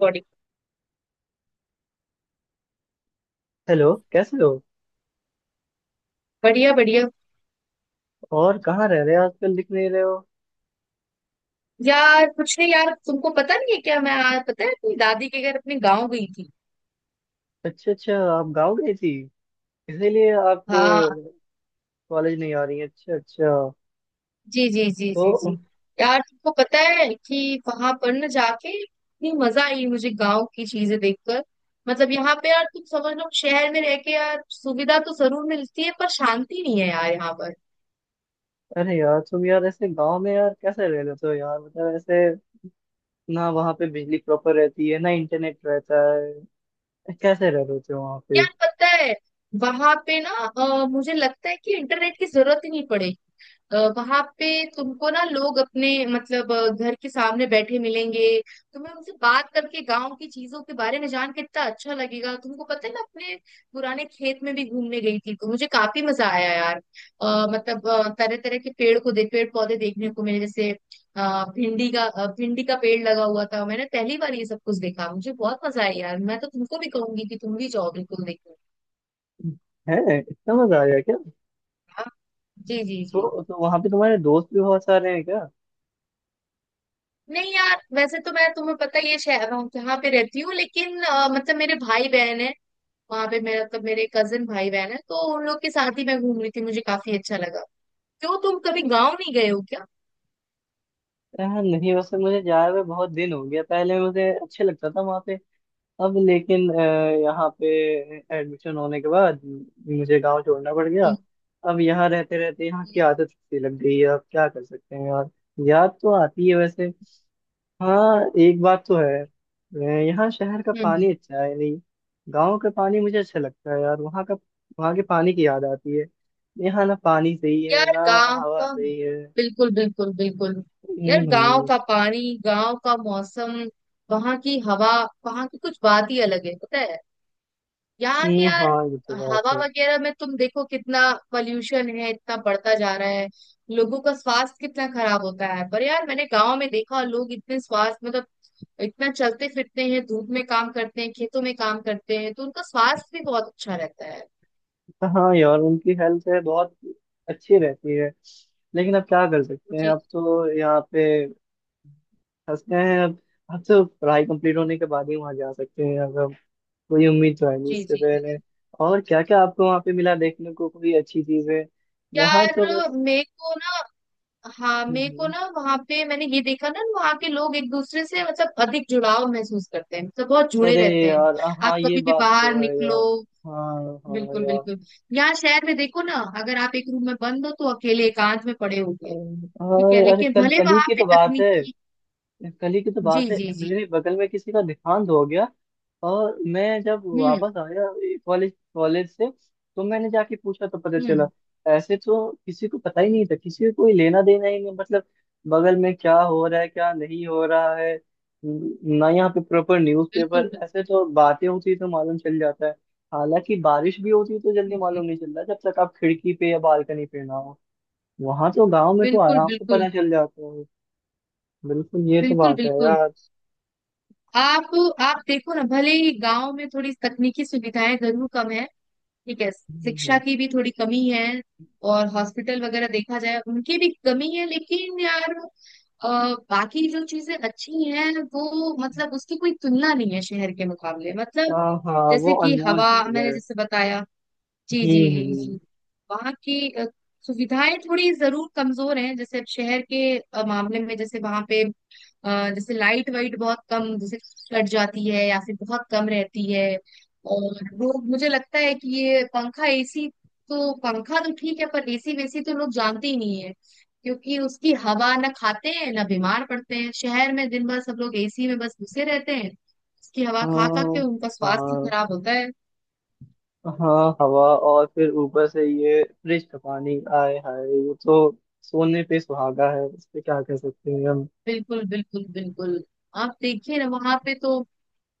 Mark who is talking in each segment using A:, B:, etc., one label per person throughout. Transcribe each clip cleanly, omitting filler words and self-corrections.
A: Body.
B: Hello, कैसे हो?
A: बढ़िया बढ़िया।
B: और कहाँ रह रहे हो, आजकल दिख नहीं रहे हो?
A: यार कुछ नहीं यार, तुमको पता नहीं है क्या? मैं आज, पता है, अपनी दादी के घर, अपने गांव गई थी।
B: अच्छा अच्छा, आप गाँव गई थी। इसीलिए आप
A: हाँ।
B: कॉलेज नहीं आ रही हैं। अच्छा अच्छा।
A: जी जी जी जी जी।
B: तो
A: यार तुमको पता है कि वहां पर ना जाके इतनी मजा आई मुझे, गांव की चीजें देखकर। मतलब यहाँ पे यार, तुम समझ लो, शहर में रह के यार सुविधा तो जरूर मिलती है पर शांति नहीं है यार यहाँ पर।
B: अरे यार, तुम यार ऐसे गांव में यार कैसे रह लेते हो यार? मतलब ऐसे ना वहाँ पे बिजली प्रॉपर रहती है, ना इंटरनेट रहता है। कैसे रह लेते हो वहाँ पे?
A: यार पता है, वहां पे ना मुझे लगता है कि इंटरनेट की जरूरत ही नहीं पड़ेगी वहां पे। तुमको ना लोग अपने, मतलब घर के सामने बैठे मिलेंगे। तुम्हें उनसे बात करके, गांव की चीजों के बारे में जान के इतना अच्छा लगेगा। तुमको पता है, मैं अपने पुराने खेत में भी घूमने गई थी तो मुझे काफी मजा आया यार। मतलब तरह तरह के पेड़ पौधे देखने को मिले, जैसे भिंडी का, भिंडी का पेड़ लगा हुआ था। मैंने पहली बार ये सब कुछ देखा, मुझे बहुत मजा आया यार। मैं तो तुमको भी कहूंगी कि तुम भी जाओ, बिल्कुल देखो।
B: है? इतना मजा आ गया क्या?
A: हाँ, जी जी जी।
B: तो वहाँ पे तुम्हारे दोस्त भी बहुत सारे हैं क्या?
A: नहीं यार, वैसे तो मैं, तुम्हें पता ही है, शहर हूँ, यहाँ पे रहती हूँ, लेकिन मतलब मेरे भाई बहन है वहां पे, मेरा मतलब मेरे कजिन भाई बहन है, तो उन लोग के साथ ही मैं घूम रही थी, मुझे काफी अच्छा लगा। क्यों, तुम कभी गाँव नहीं गए हो क्या?
B: नहीं, वैसे मुझे जाए हुए बहुत दिन हो गया। पहले मुझे अच्छे लगता था वहाँ पे। अब लेकिन यहाँ पे एडमिशन होने के बाद मुझे गांव छोड़ना पड़ गया।
A: हम्म,
B: अब यहाँ रहते रहते यहाँ की
A: हम्म,
B: आदत सी लग गई है। अब क्या कर सकते हैं यार? याद तो आती है वैसे। हाँ, एक बात तो है। यहाँ शहर का
A: हम्म।
B: पानी अच्छा है नहीं। गांव का पानी मुझे अच्छा लगता है यार वहाँ का। वहाँ के पानी की याद आती है। यहाँ ना पानी सही है,
A: यार
B: ना
A: गांव
B: हवा
A: का।
B: सही है।
A: बिल्कुल बिल्कुल बिल्कुल। यार
B: हम्म।
A: गांव
B: हम्म।
A: का पानी, गांव का मौसम, वहां की हवा, वहां की कुछ बात ही अलग है, पता है? यहाँ के यार
B: हाँ ये तो बात
A: हवा
B: है।
A: वगैरह में तुम देखो, कितना पॉल्यूशन है, इतना बढ़ता जा रहा है, लोगों का स्वास्थ्य कितना खराब होता है। पर यार मैंने गांव में देखा, लोग इतने स्वास्थ्य, मतलब इतना चलते फिरते हैं, धूप में काम करते हैं, खेतों में काम करते हैं, तो उनका स्वास्थ्य भी बहुत अच्छा रहता है।
B: हाँ यार, उनकी हेल्थ है बहुत अच्छी रहती है। लेकिन अब क्या कर सकते हैं,
A: जी
B: अब तो यहाँ पे फंस गए हैं अब। अब तो पढ़ाई कंप्लीट होने के बाद ही वहाँ जा सकते हैं, अगर कोई उम्मीद तो है नहीं
A: जी
B: इससे
A: जी जी
B: पहले।
A: जी।
B: और क्या क्या आपको वहाँ पे मिला देखने को? कोई अच्छी चीज है? यहाँ तो
A: यार
B: बस।
A: मेरे को ना, हाँ
B: हम्म,
A: मेरे को
B: हम्म।
A: ना वहां पे मैंने ये देखा ना, वहां के लोग एक दूसरे से मतलब अधिक जुड़ाव महसूस करते हैं, मतलब बहुत जुड़े
B: अरे
A: रहते हैं।
B: यार।
A: आप
B: हाँ ये
A: कभी भी
B: बात
A: बाहर
B: तो है
A: निकलो।
B: यार। हाँ हाँ
A: बिल्कुल
B: यार।
A: बिल्कुल। यहाँ शहर में देखो ना, अगर आप एक रूम में बंद हो तो अकेले एकांत में पड़े होंगे। ठीक
B: अरे
A: है,
B: अरे,
A: लेकिन
B: कल
A: भले
B: कल ही
A: वहां
B: की
A: पे
B: तो बात है।
A: तकनीकी।
B: कल ही की तो
A: जी
B: बात है,
A: जी जी।
B: मेरे बगल में किसी का देहांत हो गया। और मैं जब
A: हम्म
B: वापस आया कॉलेज कॉलेज से तो मैंने जाके पूछा तो पता चला।
A: हम्म।
B: ऐसे तो किसी को पता ही नहीं था, किसी को कोई लेना देना ही नहीं। मतलब बगल में क्या हो रहा है, क्या नहीं हो रहा है। ना यहाँ पे प्रॉपर
A: बिल्कुल
B: न्यूज़पेपर
A: बिल्कुल।
B: ऐसे तो बातें होती तो मालूम चल जाता है। हालांकि बारिश भी होती तो जल्दी
A: जी, जी,
B: मालूम नहीं चलता जब तक आप खिड़की पे या बालकनी पे ना हो। वहां तो गांव में तो
A: बिल्कुल
B: आराम से
A: बिल्कुल
B: पता चल जाता है। बिल्कुल ये तो
A: बिल्कुल
B: बात है
A: बिल्कुल।
B: यार।
A: आप आप देखो ना, भले ही गांव में थोड़ी तकनीकी सुविधाएं जरूर कम है, ठीक है,
B: हम्म,
A: शिक्षा
B: हम्म।
A: की भी थोड़ी कमी है, और हॉस्पिटल वगैरह देखा जाए उनकी भी कमी है, लेकिन यार अ, बाकी जो चीजें अच्छी हैं वो मतलब उसकी कोई तुलना नहीं है शहर के मुकाबले, मतलब
B: हाँ हाँ, वो
A: जैसे कि
B: अनमोल
A: हवा,
B: चीज है।
A: मैंने जैसे बताया। जी जी जी
B: हम्म।
A: जी। वहाँ की सुविधाएं थोड़ी जरूर कमजोर हैं, जैसे अब शहर के मामले में, जैसे वहाँ पे जैसे लाइट वाइट बहुत कम, जैसे कट जाती है या फिर बहुत कम रहती है। और लोग, मुझे लगता है कि ये पंखा एसी, तो पंखा तो ठीक है पर एसी वेसी तो लोग जानते ही नहीं है, क्योंकि उसकी हवा ना खाते हैं ना बीमार पड़ते हैं। शहर में दिन भर सब लोग एसी में बस घुसे रहते हैं, उसकी हवा खा खा के
B: हाँ
A: उनका स्वास्थ्य
B: हाँ
A: खराब होता है।
B: हाँ, हवा। और फिर ऊपर से ये फ्रिज का पानी आए, हाय ये तो सोने पे सुहागा है। इस पे क्या कह सकते हैं हम?
A: बिल्कुल बिल्कुल बिल्कुल। आप देखिए ना, वहां पे तो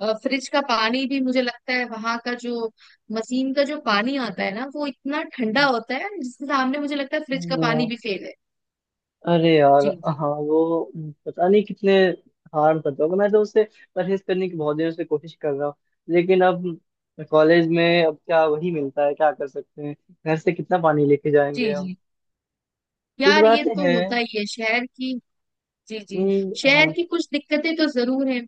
A: फ्रिज का पानी भी, मुझे लगता है, वहां का जो मशीन का जो पानी आता है ना, वो इतना ठंडा होता है, जिसके सामने मुझे लगता है फ्रिज का पानी
B: हाँ,
A: भी फेल है।
B: अरे यार।
A: जी जी
B: हाँ वो पता नहीं कितने हार्म करता होगा। मैं तो उससे परहेज करने की बहुत देर से कोशिश कर रहा हूँ, लेकिन अब कॉलेज में अब क्या वही मिलता है, क्या कर सकते हैं। घर से कितना पानी लेके
A: जी
B: जाएंगे हम?
A: जी।
B: कुछ
A: यार ये
B: बातें
A: तो
B: हैं।
A: होता ही है शहर की। जी जी। शहर
B: हाँ।
A: की कुछ दिक्कतें तो जरूर हैं।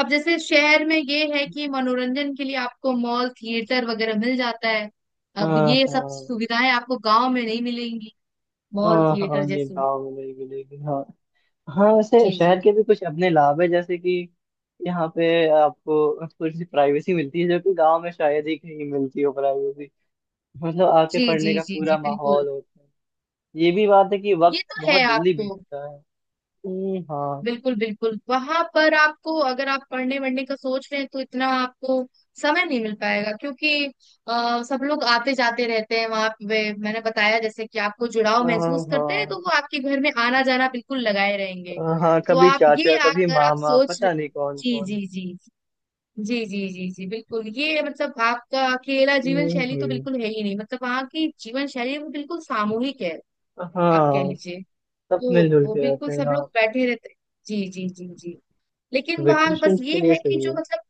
A: अब जैसे शहर में ये है कि मनोरंजन के लिए आपको मॉल थिएटर वगैरह मिल जाता है, अब
B: हाँ।
A: ये सब
B: हाँ।
A: सुविधाएं आपको गांव में नहीं मिलेंगी, मॉल
B: हाँ
A: थिएटर
B: हाँ, ये
A: जैसी।
B: गाँव में नहीं मिलेगी हाँ। हाँ वैसे
A: जी जी
B: शहर के भी कुछ अपने लाभ है, जैसे कि यहाँ पे आपको थोड़ी सी प्राइवेसी मिलती है जो कि गांव में शायद ही कहीं मिलती हो। प्राइवेसी मतलब आके
A: जी जी
B: पढ़ने का
A: जी जी।
B: पूरा
A: बिल्कुल,
B: माहौल होता है। ये भी बात है कि
A: ये
B: वक्त
A: तो है
B: बहुत जल्दी
A: आपको।
B: बीतता है। हाँ।
A: बिल्कुल बिल्कुल। वहां पर आपको, अगर आप पढ़ने वढ़ने का सोच रहे हैं, तो इतना आपको समय नहीं मिल पाएगा, क्योंकि सब लोग आते जाते रहते हैं वहां पे। मैंने बताया जैसे कि आपको जुड़ाव
B: हाँ
A: महसूस करते हैं,
B: हाँ।
A: तो वो आपके घर में आना जाना बिल्कुल लगाए रहेंगे।
B: हाँ हाँ,
A: तो
B: कभी
A: आप, ये
B: चाचा कभी
A: अगर आप
B: मामा पता नहीं कौन
A: जी
B: कौन।
A: जी जी। जी जी जी जी बिल्कुल, ये मतलब आपका अकेला जीवन
B: हम्म
A: शैली तो
B: हम्म,
A: बिल्कुल है ही नहीं, मतलब वहाँ की जीवन शैली वो बिल्कुल सामूहिक है, आप कह
B: हाँ।
A: लीजिए।
B: सब
A: तो
B: मिलजुल
A: वो
B: के
A: बिल्कुल
B: रहते हैं
A: सब लोग
B: आप।
A: बैठे रहते। जी जी जी जी। लेकिन वहां बस
B: वेकेशन
A: ये
B: के लिए
A: है कि
B: सही
A: जो
B: है।
A: मतलब,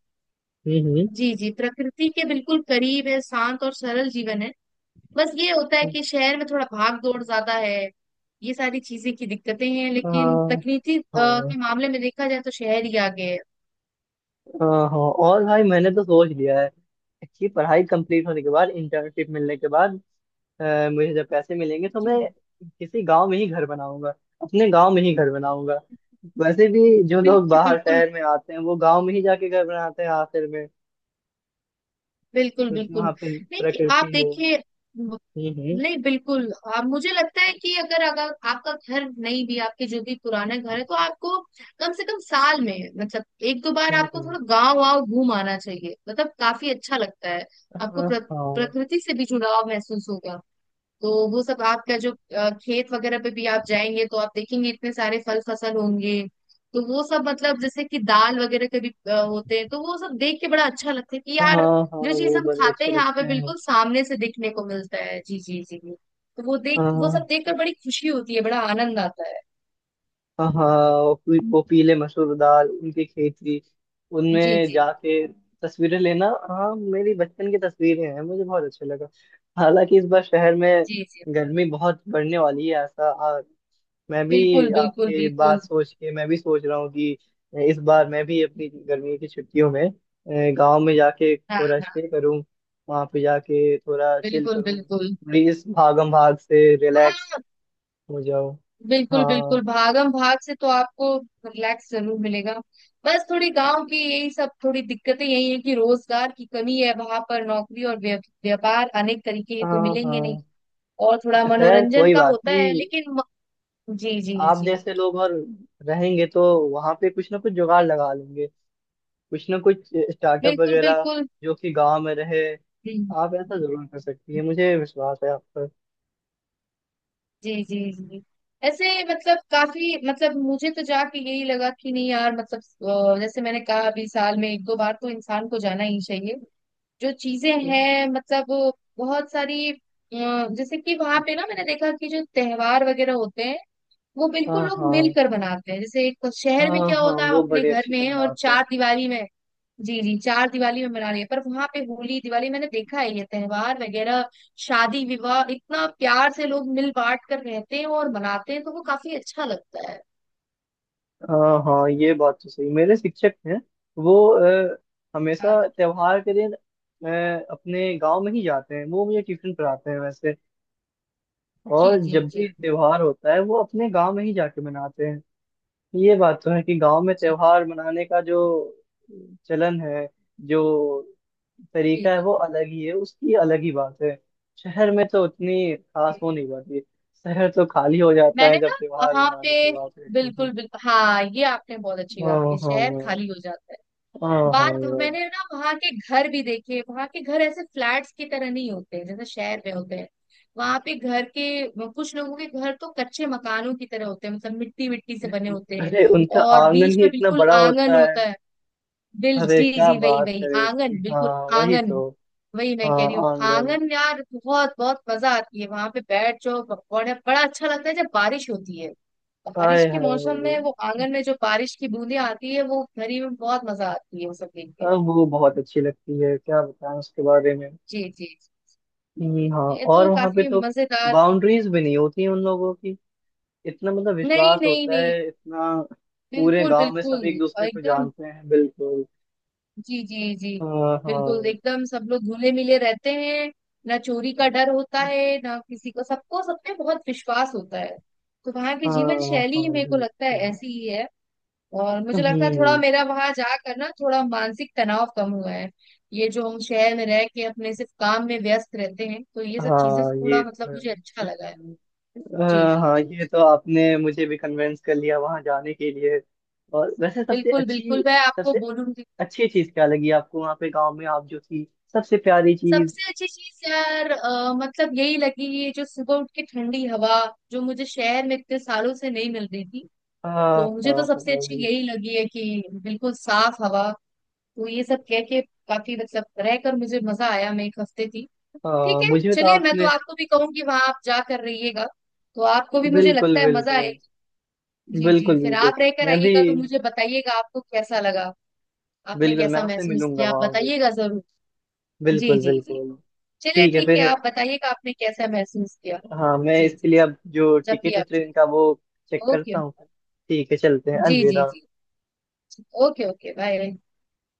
B: हम्म।
A: जी जी, प्रकृति के बिल्कुल करीब है, शांत और सरल जीवन है। बस ये होता है
B: हम्म।
A: कि शहर में थोड़ा भाग दौड़ ज्यादा है, ये सारी चीजें की दिक्कतें हैं, लेकिन
B: हाँ
A: तकनीकी
B: हाँ।
A: के मामले में देखा जाए तो शहर ही आगे है।
B: हाँ, हाँ, और भाई मैंने तो सोच लिया है कि पढ़ाई कंप्लीट होने के बाद, इंटर्नशिप मिलने के बाद, मुझे जब पैसे मिलेंगे तो
A: जी।
B: मैं किसी गांव में ही घर बनाऊंगा। अपने गांव में ही घर बनाऊंगा। वैसे भी जो लोग
A: बिल्कुल
B: बाहर
A: बिल्कुल
B: शहर में आते हैं वो गांव में ही जाके घर बनाते हैं आखिर में।
A: बिल्कुल
B: क्योंकि
A: बिल्कुल।
B: वहां पे
A: नहीं, कि आप
B: प्रकृति है।
A: देखिए,
B: हम्म हम्म
A: नहीं बिल्कुल, मुझे लगता है कि अगर अगर आपका घर नहीं भी, आपके जो भी पुराना घर है, तो आपको कम से कम साल में, मतलब एक दो बार
B: हम्म,
A: आपको
B: हम्म।
A: थोड़ा गांव वाव घूम आना चाहिए, मतलब काफी अच्छा लगता है। आपको
B: हाँ
A: प्र,
B: हाँ।
A: प्रकृति से भी जुड़ाव महसूस होगा, तो वो सब आपका जो खेत वगैरह पे भी आप जाएंगे, तो आप देखेंगे इतने सारे फल फसल होंगे। तो वो सब, मतलब जैसे कि दाल वगैरह के भी होते हैं, तो वो सब देख के बड़ा अच्छा लगता है कि
B: हाँ
A: यार,
B: हाँ,
A: जो चीज
B: वो
A: हम
B: बड़े
A: खाते
B: अच्छे
A: हैं यहाँ पे,
B: लगते हैं।
A: बिल्कुल सामने से दिखने को मिलता है। जी जी जी जी। तो वो
B: हाँ,
A: सब देखकर बड़ी खुशी होती है, बड़ा आनंद आता है।
B: हाँ, वो पीले मसूर दाल उनकी खेती,
A: जी
B: उनमें
A: जी
B: जाके तस्वीरें लेना, हाँ मेरी बचपन की तस्वीरें हैं, मुझे बहुत अच्छा लगा। हालांकि इस बार शहर में
A: जी जी।
B: गर्मी बहुत बढ़ने वाली है ऐसा, और मैं
A: बिल्कुल
B: भी
A: बिल्कुल
B: आपके
A: बिल्कुल।
B: बात सोच के मैं भी सोच रहा हूँ कि इस बार मैं भी अपनी गर्मी की छुट्टियों में गांव में जाके
A: हाँ
B: थोड़ा
A: हाँ,
B: स्टे करूँ। वहाँ पे जाके थोड़ा चिल
A: बिल्कुल
B: करूँ।
A: बिल्कुल।
B: प्लीज भागम भाग से रिलैक्स
A: हाँ,
B: हो जाओ।
A: बिल्कुल
B: हाँ
A: बिल्कुल, भागम भाग से तो आपको रिलैक्स जरूर मिलेगा। बस थोड़ी गांव की, यही सब थोड़ी दिक्कतें यही है कि रोजगार की कमी है वहां पर, नौकरी और व्यापार अनेक तरीके के तो
B: हाँ
A: मिलेंगे नहीं,
B: हाँ।
A: और थोड़ा
B: खैर
A: मनोरंजन
B: कोई
A: का
B: बात
A: होता है,
B: नहीं।
A: लेकिन जी जी
B: आप
A: जी।
B: जैसे लोग और रहेंगे तो वहां पे कुछ ना कुछ जुगाड़ लगा लेंगे, कुछ ना कुछ स्टार्टअप
A: बिल्कुल
B: वगैरह
A: बिल्कुल।
B: जो कि गांव में रहे।
A: हम्म।
B: आप ऐसा जरूर कर सकती है, मुझे विश्वास है आप पर।
A: जी जी जी। ऐसे, मतलब काफी, मतलब मुझे तो जाके यही लगा कि, नहीं यार, मतलब जैसे मैंने कहा अभी, साल में एक दो बार तो इंसान को जाना ही चाहिए। जो चीजें हैं, मतलब बहुत सारी जैसे कि वहां पे ना, मैंने देखा कि जो त्योहार वगैरह होते हैं, वो
B: हाँ
A: बिल्कुल लोग
B: हाँ।
A: मिलकर बनाते हैं। जैसे एक शहर में
B: हाँ
A: क्या
B: हाँ,
A: होता है, आप
B: वो
A: अपने
B: बड़े
A: घर
B: अच्छे
A: में
B: से
A: हैं, और
B: मनाते हैं।
A: चार दिवाली में। जी जी, चार दिवाली में मना रही है, पर वहां पे होली दिवाली, मैंने देखा है ये त्योहार वगैरह, शादी विवाह, इतना प्यार से लोग मिल बांट कर रहते हैं और मनाते हैं, तो वो काफी अच्छा लगता है।
B: हाँ हाँ, ये बात तो सही। मेरे शिक्षक हैं वो,
A: हाँ,
B: हमेशा त्योहार के दिन अपने गांव में ही जाते हैं। वो मुझे ट्यूशन पढ़ाते हैं वैसे।
A: जी
B: और
A: जी
B: जब
A: जी
B: भी
A: जी
B: त्योहार होता है वो अपने गांव में ही जाके मनाते हैं। ये बात तो है कि गांव में
A: जी
B: त्योहार मनाने का जो चलन है, जो
A: जी
B: तरीका है,
A: जी
B: वो अलग ही है। उसकी अलग ही बात है। शहर में तो उतनी
A: जी।
B: खास वो नहीं पाती। शहर तो खाली हो जाता
A: मैंने
B: है जब
A: ना
B: त्योहार
A: वहां पे,
B: मनाने की बात रहती है।
A: बिल्कुल बिल्कुल, हाँ, ये आपने बहुत अच्छी बात
B: हाँ
A: की, शहर
B: हाँ।
A: खाली हो जाता है।
B: हाँ हाँ
A: बात,
B: यार।
A: मैंने ना वहां के घर भी देखे, वहां के घर ऐसे फ्लैट्स की तरह नहीं होते हैं जैसे शहर में होते हैं। वहां पे घर के, कुछ लोगों के घर तो कच्चे मकानों की तरह होते हैं, मतलब मिट्टी मिट्टी से बने होते हैं,
B: अरे उनका
A: और
B: आंगन
A: बीच
B: ही
A: में
B: इतना
A: बिल्कुल
B: बड़ा
A: आंगन
B: होता है।
A: होता है। बिल
B: अरे
A: जी
B: क्या
A: जी, वही
B: बात
A: वही
B: करे
A: आंगन,
B: उसकी, हाँ
A: बिल्कुल
B: वही
A: आंगन,
B: तो।
A: वही मैं
B: हाँ
A: कह रही हूँ,
B: आंगन।
A: आंगन यार बहुत बहुत मजा आती है, वहां पे बैठ जाओ। बड़ा बड़ा अच्छा लगता है जब बारिश होती है। बारिश
B: हाय
A: के मौसम
B: हाय,
A: में वो आंगन में जो बारिश की बूंदें आती है, वो घरी में बहुत मजा आती है, वो सब देख के।
B: अब वो बहुत अच्छी लगती है, क्या बताएं उसके बारे में।
A: जी जी जी।
B: ये, हाँ
A: ये
B: और
A: तो
B: वहां पे
A: काफी
B: तो
A: मजेदार।
B: बाउंड्रीज भी नहीं होती उन लोगों की। इतना मतलब
A: नहीं
B: विश्वास
A: नहीं
B: होता
A: नहीं,
B: है इतना, पूरे
A: बिल्कुल
B: गांव में
A: बिल्कुल,
B: सब एक
A: और
B: दूसरे को
A: एकदम,
B: जानते हैं बिल्कुल।
A: जी जी जी,
B: हाँ
A: बिल्कुल
B: हाँ।
A: एकदम सब लोग घुले मिले रहते हैं। ना चोरी का डर होता है, ना किसी को, सबको सब पे बहुत विश्वास होता है, तो वहाँ की जीवन
B: हाँ
A: शैली ही,
B: हाँ
A: मेरे को लगता है,
B: बिल्कुल।
A: ऐसी ही है। और मुझे लगता है थोड़ा
B: हम्म,
A: मेरा, वहां जाकर ना, थोड़ा मानसिक तनाव कम हुआ है। ये जो हम शहर में रह के अपने सिर्फ काम में व्यस्त रहते हैं, तो ये सब चीजें से
B: हाँ ये
A: थोड़ा मतलब,
B: तो
A: मुझे अच्छा
B: है।
A: लगा है। जी
B: हाँ
A: जी
B: हाँ,
A: जी।
B: ये तो आपने मुझे भी कन्विंस कर लिया वहां जाने के लिए। और वैसे
A: बिल्कुल बिल्कुल, मैं आपको
B: सबसे
A: बोलूंगी,
B: अच्छी चीज क्या लगी आपको वहाँ पे गांव में आप जो थी, सबसे प्यारी चीज?
A: सबसे अच्छी चीज यार मतलब यही लगी, ये जो सुबह उठ के ठंडी हवा, जो मुझे शहर में इतने सालों से नहीं मिल रही थी।
B: हाँ
A: तो मुझे
B: हाँ
A: तो सबसे अच्छी
B: हाँ।
A: यही लगी है कि बिल्कुल साफ हवा, तो ये सब कह के, काफी मतलब रहकर मुझे मजा आया, मैं एक हफ्ते थी। ठीक है,
B: मुझे तो
A: चलिए, मैं तो
B: आपने।
A: आपको भी कहूंगी, वहां आप जा कर रहिएगा, तो आपको भी, मुझे
B: बिल्कुल
A: लगता है, मजा
B: बिल्कुल
A: आएगी। जी जी,
B: बिल्कुल
A: फिर
B: बिल्कुल,
A: आप रहकर
B: मैं भी।
A: आइएगा तो मुझे बताइएगा आपको कैसा लगा, आपने
B: बिल्कुल, मैं
A: कैसा
B: आपसे
A: महसूस
B: मिलूंगा
A: किया, आप
B: वहां पे।
A: बताइएगा जरूर। जी
B: बिल्कुल
A: जी जी।
B: बिल्कुल।
A: चलिए,
B: ठीक है
A: ठीक है,
B: फिर।
A: आप बताइएगा आपने कैसा महसूस किया।
B: हाँ, मैं
A: जी जी
B: इसके लिए
A: जी।
B: अब जो
A: जब भी
B: टिकट है
A: आप,
B: ट्रेन का वो चेक
A: ओके।
B: करता हूँ फिर। ठीक है, चलते हैं।
A: जी जी
B: अलविदा।
A: जी। Okay okay, bye.